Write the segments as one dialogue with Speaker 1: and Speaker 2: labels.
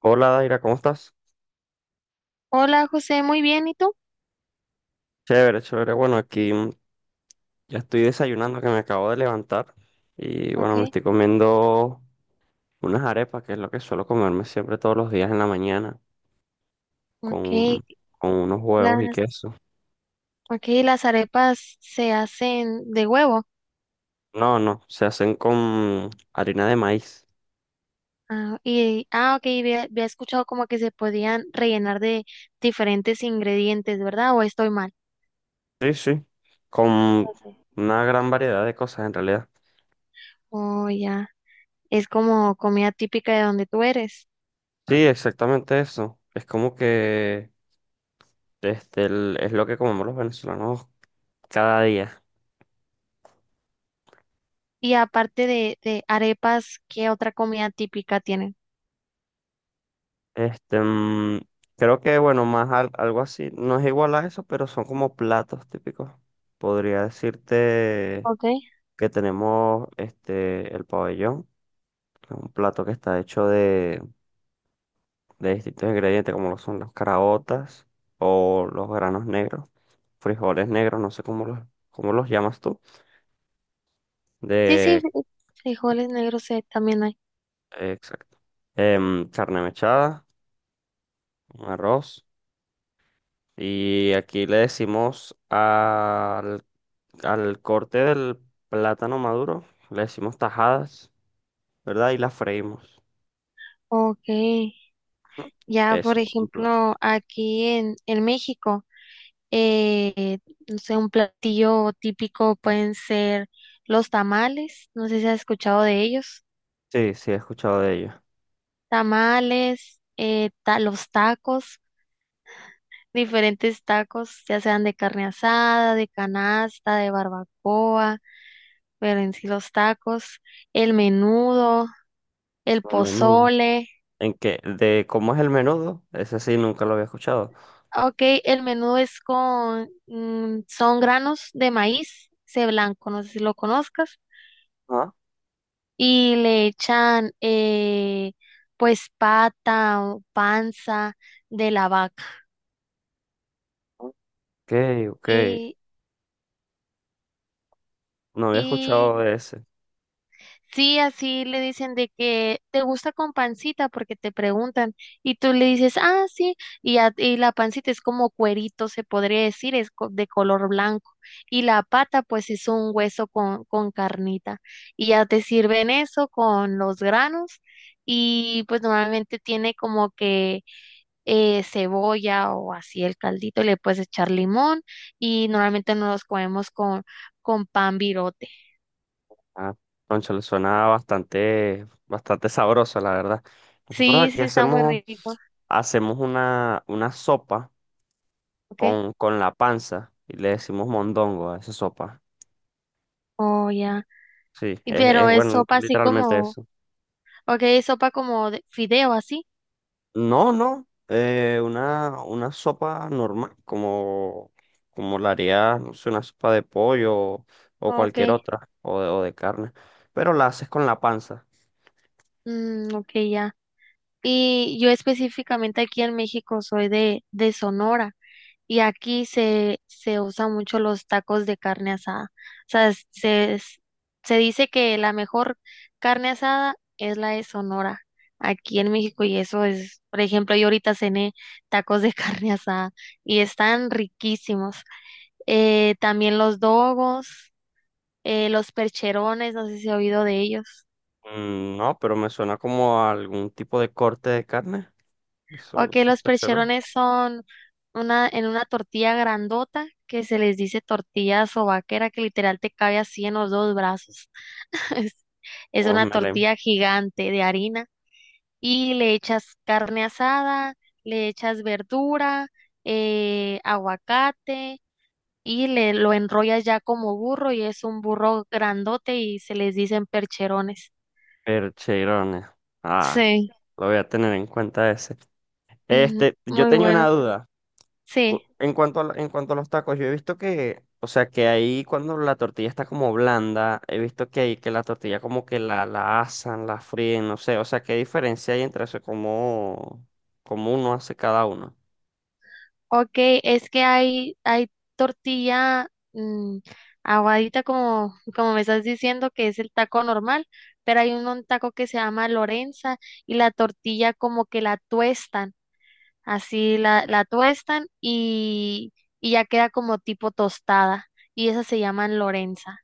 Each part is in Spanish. Speaker 1: Hola Daira, ¿cómo estás?
Speaker 2: Hola José, muy bien, ¿y tú?
Speaker 1: Chévere, chévere. Bueno, aquí ya estoy desayunando que me acabo de levantar y bueno, me
Speaker 2: Okay,
Speaker 1: estoy comiendo unas arepas, que es lo que suelo comerme siempre todos los días en la mañana, con,
Speaker 2: okay,
Speaker 1: con unos huevos y
Speaker 2: las,
Speaker 1: queso.
Speaker 2: okay, las arepas se hacen de huevo.
Speaker 1: No, no, se hacen con harina de maíz.
Speaker 2: Ok, había escuchado como que se podían rellenar de diferentes ingredientes, ¿verdad? ¿O estoy mal?
Speaker 1: Sí, sí, con una gran variedad de cosas en realidad.
Speaker 2: Oh, ya, es como comida típica de donde tú eres.
Speaker 1: Sí, exactamente eso. Es como que es lo que comemos los venezolanos cada día.
Speaker 2: Y aparte de arepas, ¿qué otra comida típica tienen?
Speaker 1: Este, mm, Creo que, bueno, más algo así, no es igual a eso, pero son como platos típicos. Podría decirte
Speaker 2: Okay.
Speaker 1: que tenemos el pabellón, que es un plato que está hecho de distintos ingredientes, como lo son las caraotas o los granos negros, frijoles negros, no sé cómo los llamas tú,
Speaker 2: Sí, sí,
Speaker 1: de,
Speaker 2: frijoles negros también hay.
Speaker 1: exacto. Carne mechada, arroz, y aquí le decimos al corte del plátano maduro le decimos tajadas, ¿verdad? Y las freímos.
Speaker 2: Okay.
Speaker 1: Ujú.
Speaker 2: Ya, por
Speaker 1: Eso, un plato.
Speaker 2: ejemplo, aquí en México. Eh, no sé, un platillo típico pueden ser los tamales, no sé si has escuchado de ellos.
Speaker 1: Sí, sí, he escuchado de ello.
Speaker 2: Tamales, los tacos, diferentes tacos, ya sean de carne asada, de canasta, de barbacoa, pero en sí los tacos, el menudo, el
Speaker 1: El menudo.
Speaker 2: pozole.
Speaker 1: ¿En qué? ¿De cómo es el menudo? Ese sí, nunca lo había escuchado.
Speaker 2: Ok, el menudo es son granos de maíz, ese blanco, no sé si lo conozcas
Speaker 1: Ah,
Speaker 2: y le echan pues pata o panza de la vaca.
Speaker 1: ok, ok.
Speaker 2: Y,
Speaker 1: No había escuchado
Speaker 2: y
Speaker 1: de ese.
Speaker 2: sí, así le dicen de que te gusta con pancita porque te preguntan y tú le dices, ah, sí, y la pancita es como cuerito, se podría decir, de color blanco y la pata pues es un hueso con carnita y ya te sirven eso con los granos y pues normalmente tiene como que cebolla o así el caldito, le puedes echar limón y normalmente nos los comemos con pan birote.
Speaker 1: Ah, concha, le suena bastante, bastante sabroso, la verdad. Nosotros
Speaker 2: Sí,
Speaker 1: aquí
Speaker 2: sí, está muy rico,
Speaker 1: hacemos una sopa
Speaker 2: ¿ok?
Speaker 1: con la panza y le decimos mondongo a esa sopa.
Speaker 2: Oh, ya.
Speaker 1: Sí,
Speaker 2: Y
Speaker 1: es
Speaker 2: pero es
Speaker 1: bueno,
Speaker 2: sopa así
Speaker 1: literalmente
Speaker 2: como,
Speaker 1: eso.
Speaker 2: ok, es sopa como de fideo así,
Speaker 1: No, no, una sopa normal, como la haría, no sé, una sopa de pollo o
Speaker 2: ok,
Speaker 1: cualquier otra, o de carne, pero la haces con la panza.
Speaker 2: mm, ok, ya. Y yo específicamente aquí en México soy de Sonora. Y aquí se usa mucho los tacos de carne asada. O sea, se dice que la mejor carne asada es la de Sonora, aquí en México. Y eso es, por ejemplo, yo ahorita cené tacos de carne asada y están riquísimos. También los dogos, los percherones, no sé si ha oído de ellos.
Speaker 1: Mm, no, pero me suena como a algún tipo de corte de carne,
Speaker 2: Ok,
Speaker 1: eso es
Speaker 2: los
Speaker 1: percherón,
Speaker 2: percherones son en una tortilla grandota que se les dice tortilla sobaquera que literal te cabe así en los dos brazos. Es,
Speaker 1: o
Speaker 2: es una
Speaker 1: melén,
Speaker 2: tortilla gigante de harina y le echas carne asada, le echas verdura, aguacate y le lo enrollas ya como burro y es un burro grandote y se les dicen percherones.
Speaker 1: percherones. Ah,
Speaker 2: Sí,
Speaker 1: lo voy a tener en cuenta ese. Yo
Speaker 2: muy
Speaker 1: tenía una
Speaker 2: bueno.
Speaker 1: duda.
Speaker 2: Sí.
Speaker 1: En cuanto a los tacos, yo he visto que, o sea, que ahí cuando la tortilla está como blanda, he visto que ahí que la tortilla como que la asan, la fríen, no sé, o sea, ¿qué diferencia hay entre eso? Como como uno hace cada uno?
Speaker 2: Ok, es que hay tortilla mm, aguadita como, como me estás diciendo que es el taco normal, pero hay un taco que se llama Lorenza y la tortilla como que la tuestan, la tuestan y ya queda como tipo tostada y esas se llaman Lorenza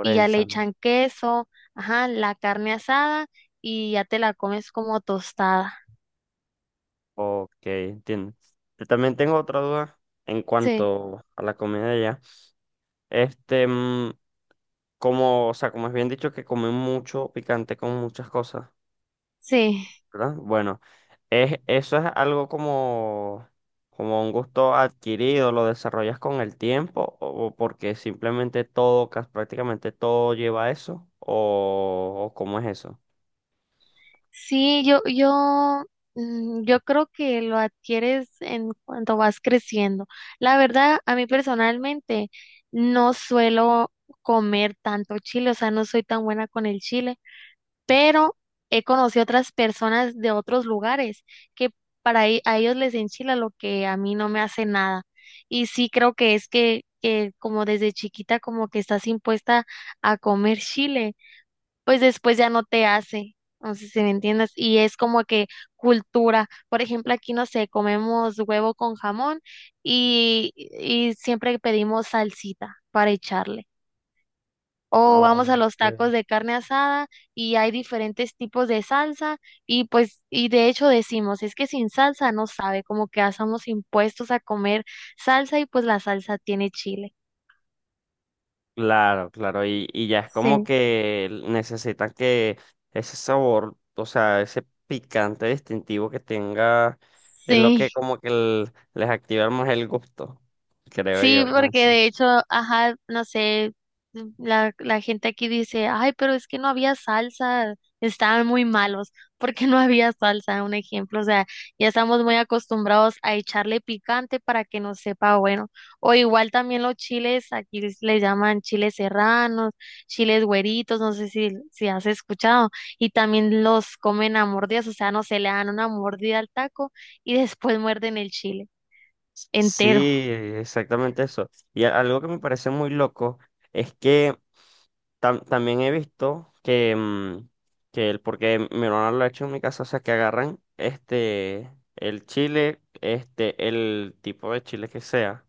Speaker 2: y ya le
Speaker 1: ¿no?
Speaker 2: echan queso, ajá, la carne asada y ya te la comes como tostada.
Speaker 1: Ok, entiendo. Yo también tengo otra duda en
Speaker 2: Sí,
Speaker 1: cuanto a la comida de allá. Este, mm, Como, o sea, como es bien dicho que comen mucho picante con muchas cosas.
Speaker 2: sí.
Speaker 1: ¿Verdad? Bueno, eso es algo como un gusto adquirido, lo desarrollas con el tiempo o porque simplemente todo, prácticamente todo lleva a eso o cómo es eso.
Speaker 2: Sí, yo creo que lo adquieres en cuanto vas creciendo. La verdad, a mí personalmente no suelo comer tanto chile, o sea, no soy tan buena con el chile, pero he conocido otras personas de otros lugares que a ellos les enchila lo que a mí no me hace nada. Y sí creo que que como desde chiquita como que estás impuesta a comer chile pues después ya no te hace. No sé si me entiendes. Y es como que cultura. Por ejemplo, aquí no sé, comemos huevo con jamón y siempre pedimos salsita para echarle. O
Speaker 1: Ah,
Speaker 2: vamos
Speaker 1: ok.
Speaker 2: a los tacos de carne asada y hay diferentes tipos de salsa y de hecho decimos, es que sin salsa no sabe, como que hacemos impuestos a comer salsa y pues la salsa tiene chile.
Speaker 1: Claro, claro, y ya es como
Speaker 2: Sí.
Speaker 1: que necesitan que ese sabor, o sea, ese picante distintivo que tenga, es lo
Speaker 2: Sí.
Speaker 1: que como que les activa más el gusto,
Speaker 2: Sí,
Speaker 1: creo yo. Con
Speaker 2: porque
Speaker 1: eso.
Speaker 2: de hecho, ajá, no sé, la gente aquí dice, ay, pero es que no había salsa, estaban muy malos, porque no había salsa, un ejemplo, o sea, ya estamos muy acostumbrados a echarle picante para que nos sepa bueno, o igual también los chiles, aquí les llaman chiles serranos, chiles güeritos, no sé si has escuchado, y también los comen a mordidas, o sea, no se le dan una mordida al taco y después muerden el chile entero.
Speaker 1: Sí, exactamente eso. Y algo que me parece muy loco es que también he visto que, que el, porque mi hermana lo ha hecho en mi casa, o sea, que agarran el chile, el tipo de chile que sea,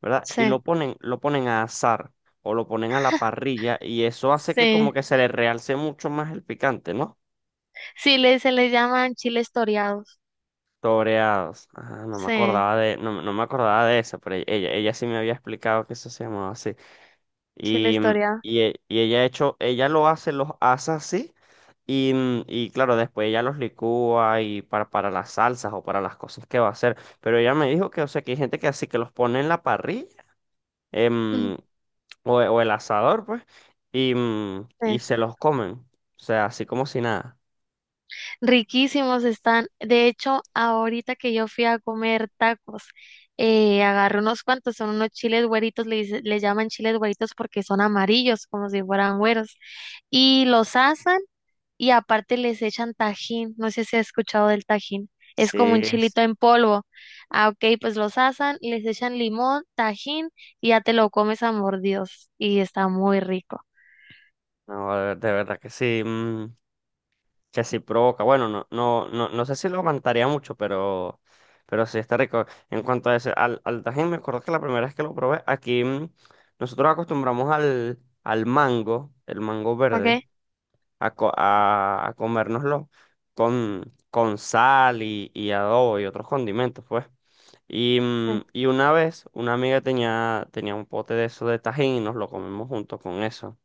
Speaker 1: ¿verdad? Y
Speaker 2: Sí.
Speaker 1: lo ponen a asar o lo ponen a la parrilla y eso hace que como
Speaker 2: Sí.
Speaker 1: que se le realce mucho más el picante, ¿no?
Speaker 2: Sí, se les llaman chiles toreados.
Speaker 1: Toreados. Ah, no me
Speaker 2: Sí,
Speaker 1: acordaba de, no, no me acordaba de eso, pero ella sí me había explicado que eso se llamaba así. Y,
Speaker 2: chiles toreados.
Speaker 1: ella lo hace, los asa así. Y, y claro, después ella los licúa y para las salsas o para las cosas que va a hacer. Pero ella me dijo que, o sea, que hay gente que así que los pone en la parrilla em, o el asador, pues, y,
Speaker 2: Sí.
Speaker 1: y se los comen. O sea, así como si nada.
Speaker 2: Riquísimos están. De hecho, ahorita que yo fui a comer tacos, agarré unos cuantos, son unos chiles güeritos, le llaman chiles güeritos porque son amarillos, como si fueran güeros. Y los asan y aparte les echan tajín, no sé si has escuchado del tajín, es como
Speaker 1: Sí,
Speaker 2: un
Speaker 1: sí.
Speaker 2: chilito en polvo. Ah, ok, pues los asan, les echan limón, tajín y ya te lo comes a mordidos y está muy rico.
Speaker 1: No, de verdad que sí. Que sí provoca. Bueno, no, no, no, no sé si lo aguantaría mucho, pero sí está rico. En cuanto a ese, al tajín, me acuerdo que la primera vez que lo probé, aquí nosotros acostumbramos al mango, el mango
Speaker 2: ¿Ok?
Speaker 1: verde, a comérnoslo con sal y adobo y otros condimentos, pues. Y,
Speaker 2: Mm.
Speaker 1: y una vez una amiga tenía un pote de eso de tajín y nos lo comimos junto con eso.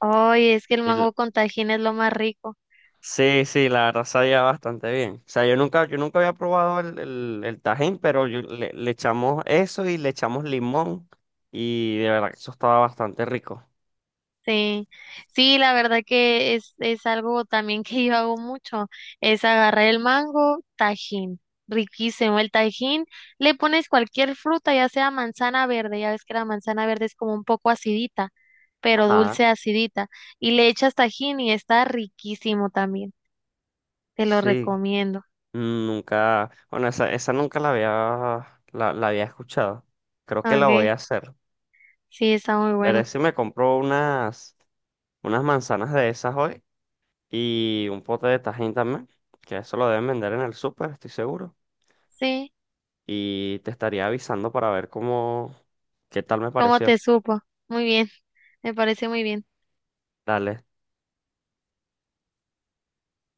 Speaker 2: Ay, es que el mango con tajín es lo más rico.
Speaker 1: Sí, sí, la verdad sabía bastante bien. O sea, yo nunca había probado el tajín, pero le echamos eso y le echamos limón y de verdad que eso estaba bastante rico.
Speaker 2: Sí, sí, la verdad que es algo también que yo hago mucho, es agarrar el mango, tajín, riquísimo el tajín, le pones cualquier fruta, ya sea manzana verde, ya ves que la manzana verde es como un poco acidita, pero
Speaker 1: Ajá.
Speaker 2: dulce acidita, y le echas tajín y está riquísimo también, te lo
Speaker 1: Sí,
Speaker 2: recomiendo.
Speaker 1: nunca, bueno, esa nunca la había, la había escuchado. Creo que la voy a
Speaker 2: Okay,
Speaker 1: hacer.
Speaker 2: sí, está muy
Speaker 1: Veré
Speaker 2: bueno.
Speaker 1: si me compro unas manzanas de esas hoy y un pote de tajín también, que eso lo deben vender en el súper, estoy seguro.
Speaker 2: Sí,
Speaker 1: Y te estaría avisando para ver cómo, qué tal me
Speaker 2: ¿cómo
Speaker 1: pareció.
Speaker 2: te supo? Muy bien, me parece muy bien.
Speaker 1: Dale,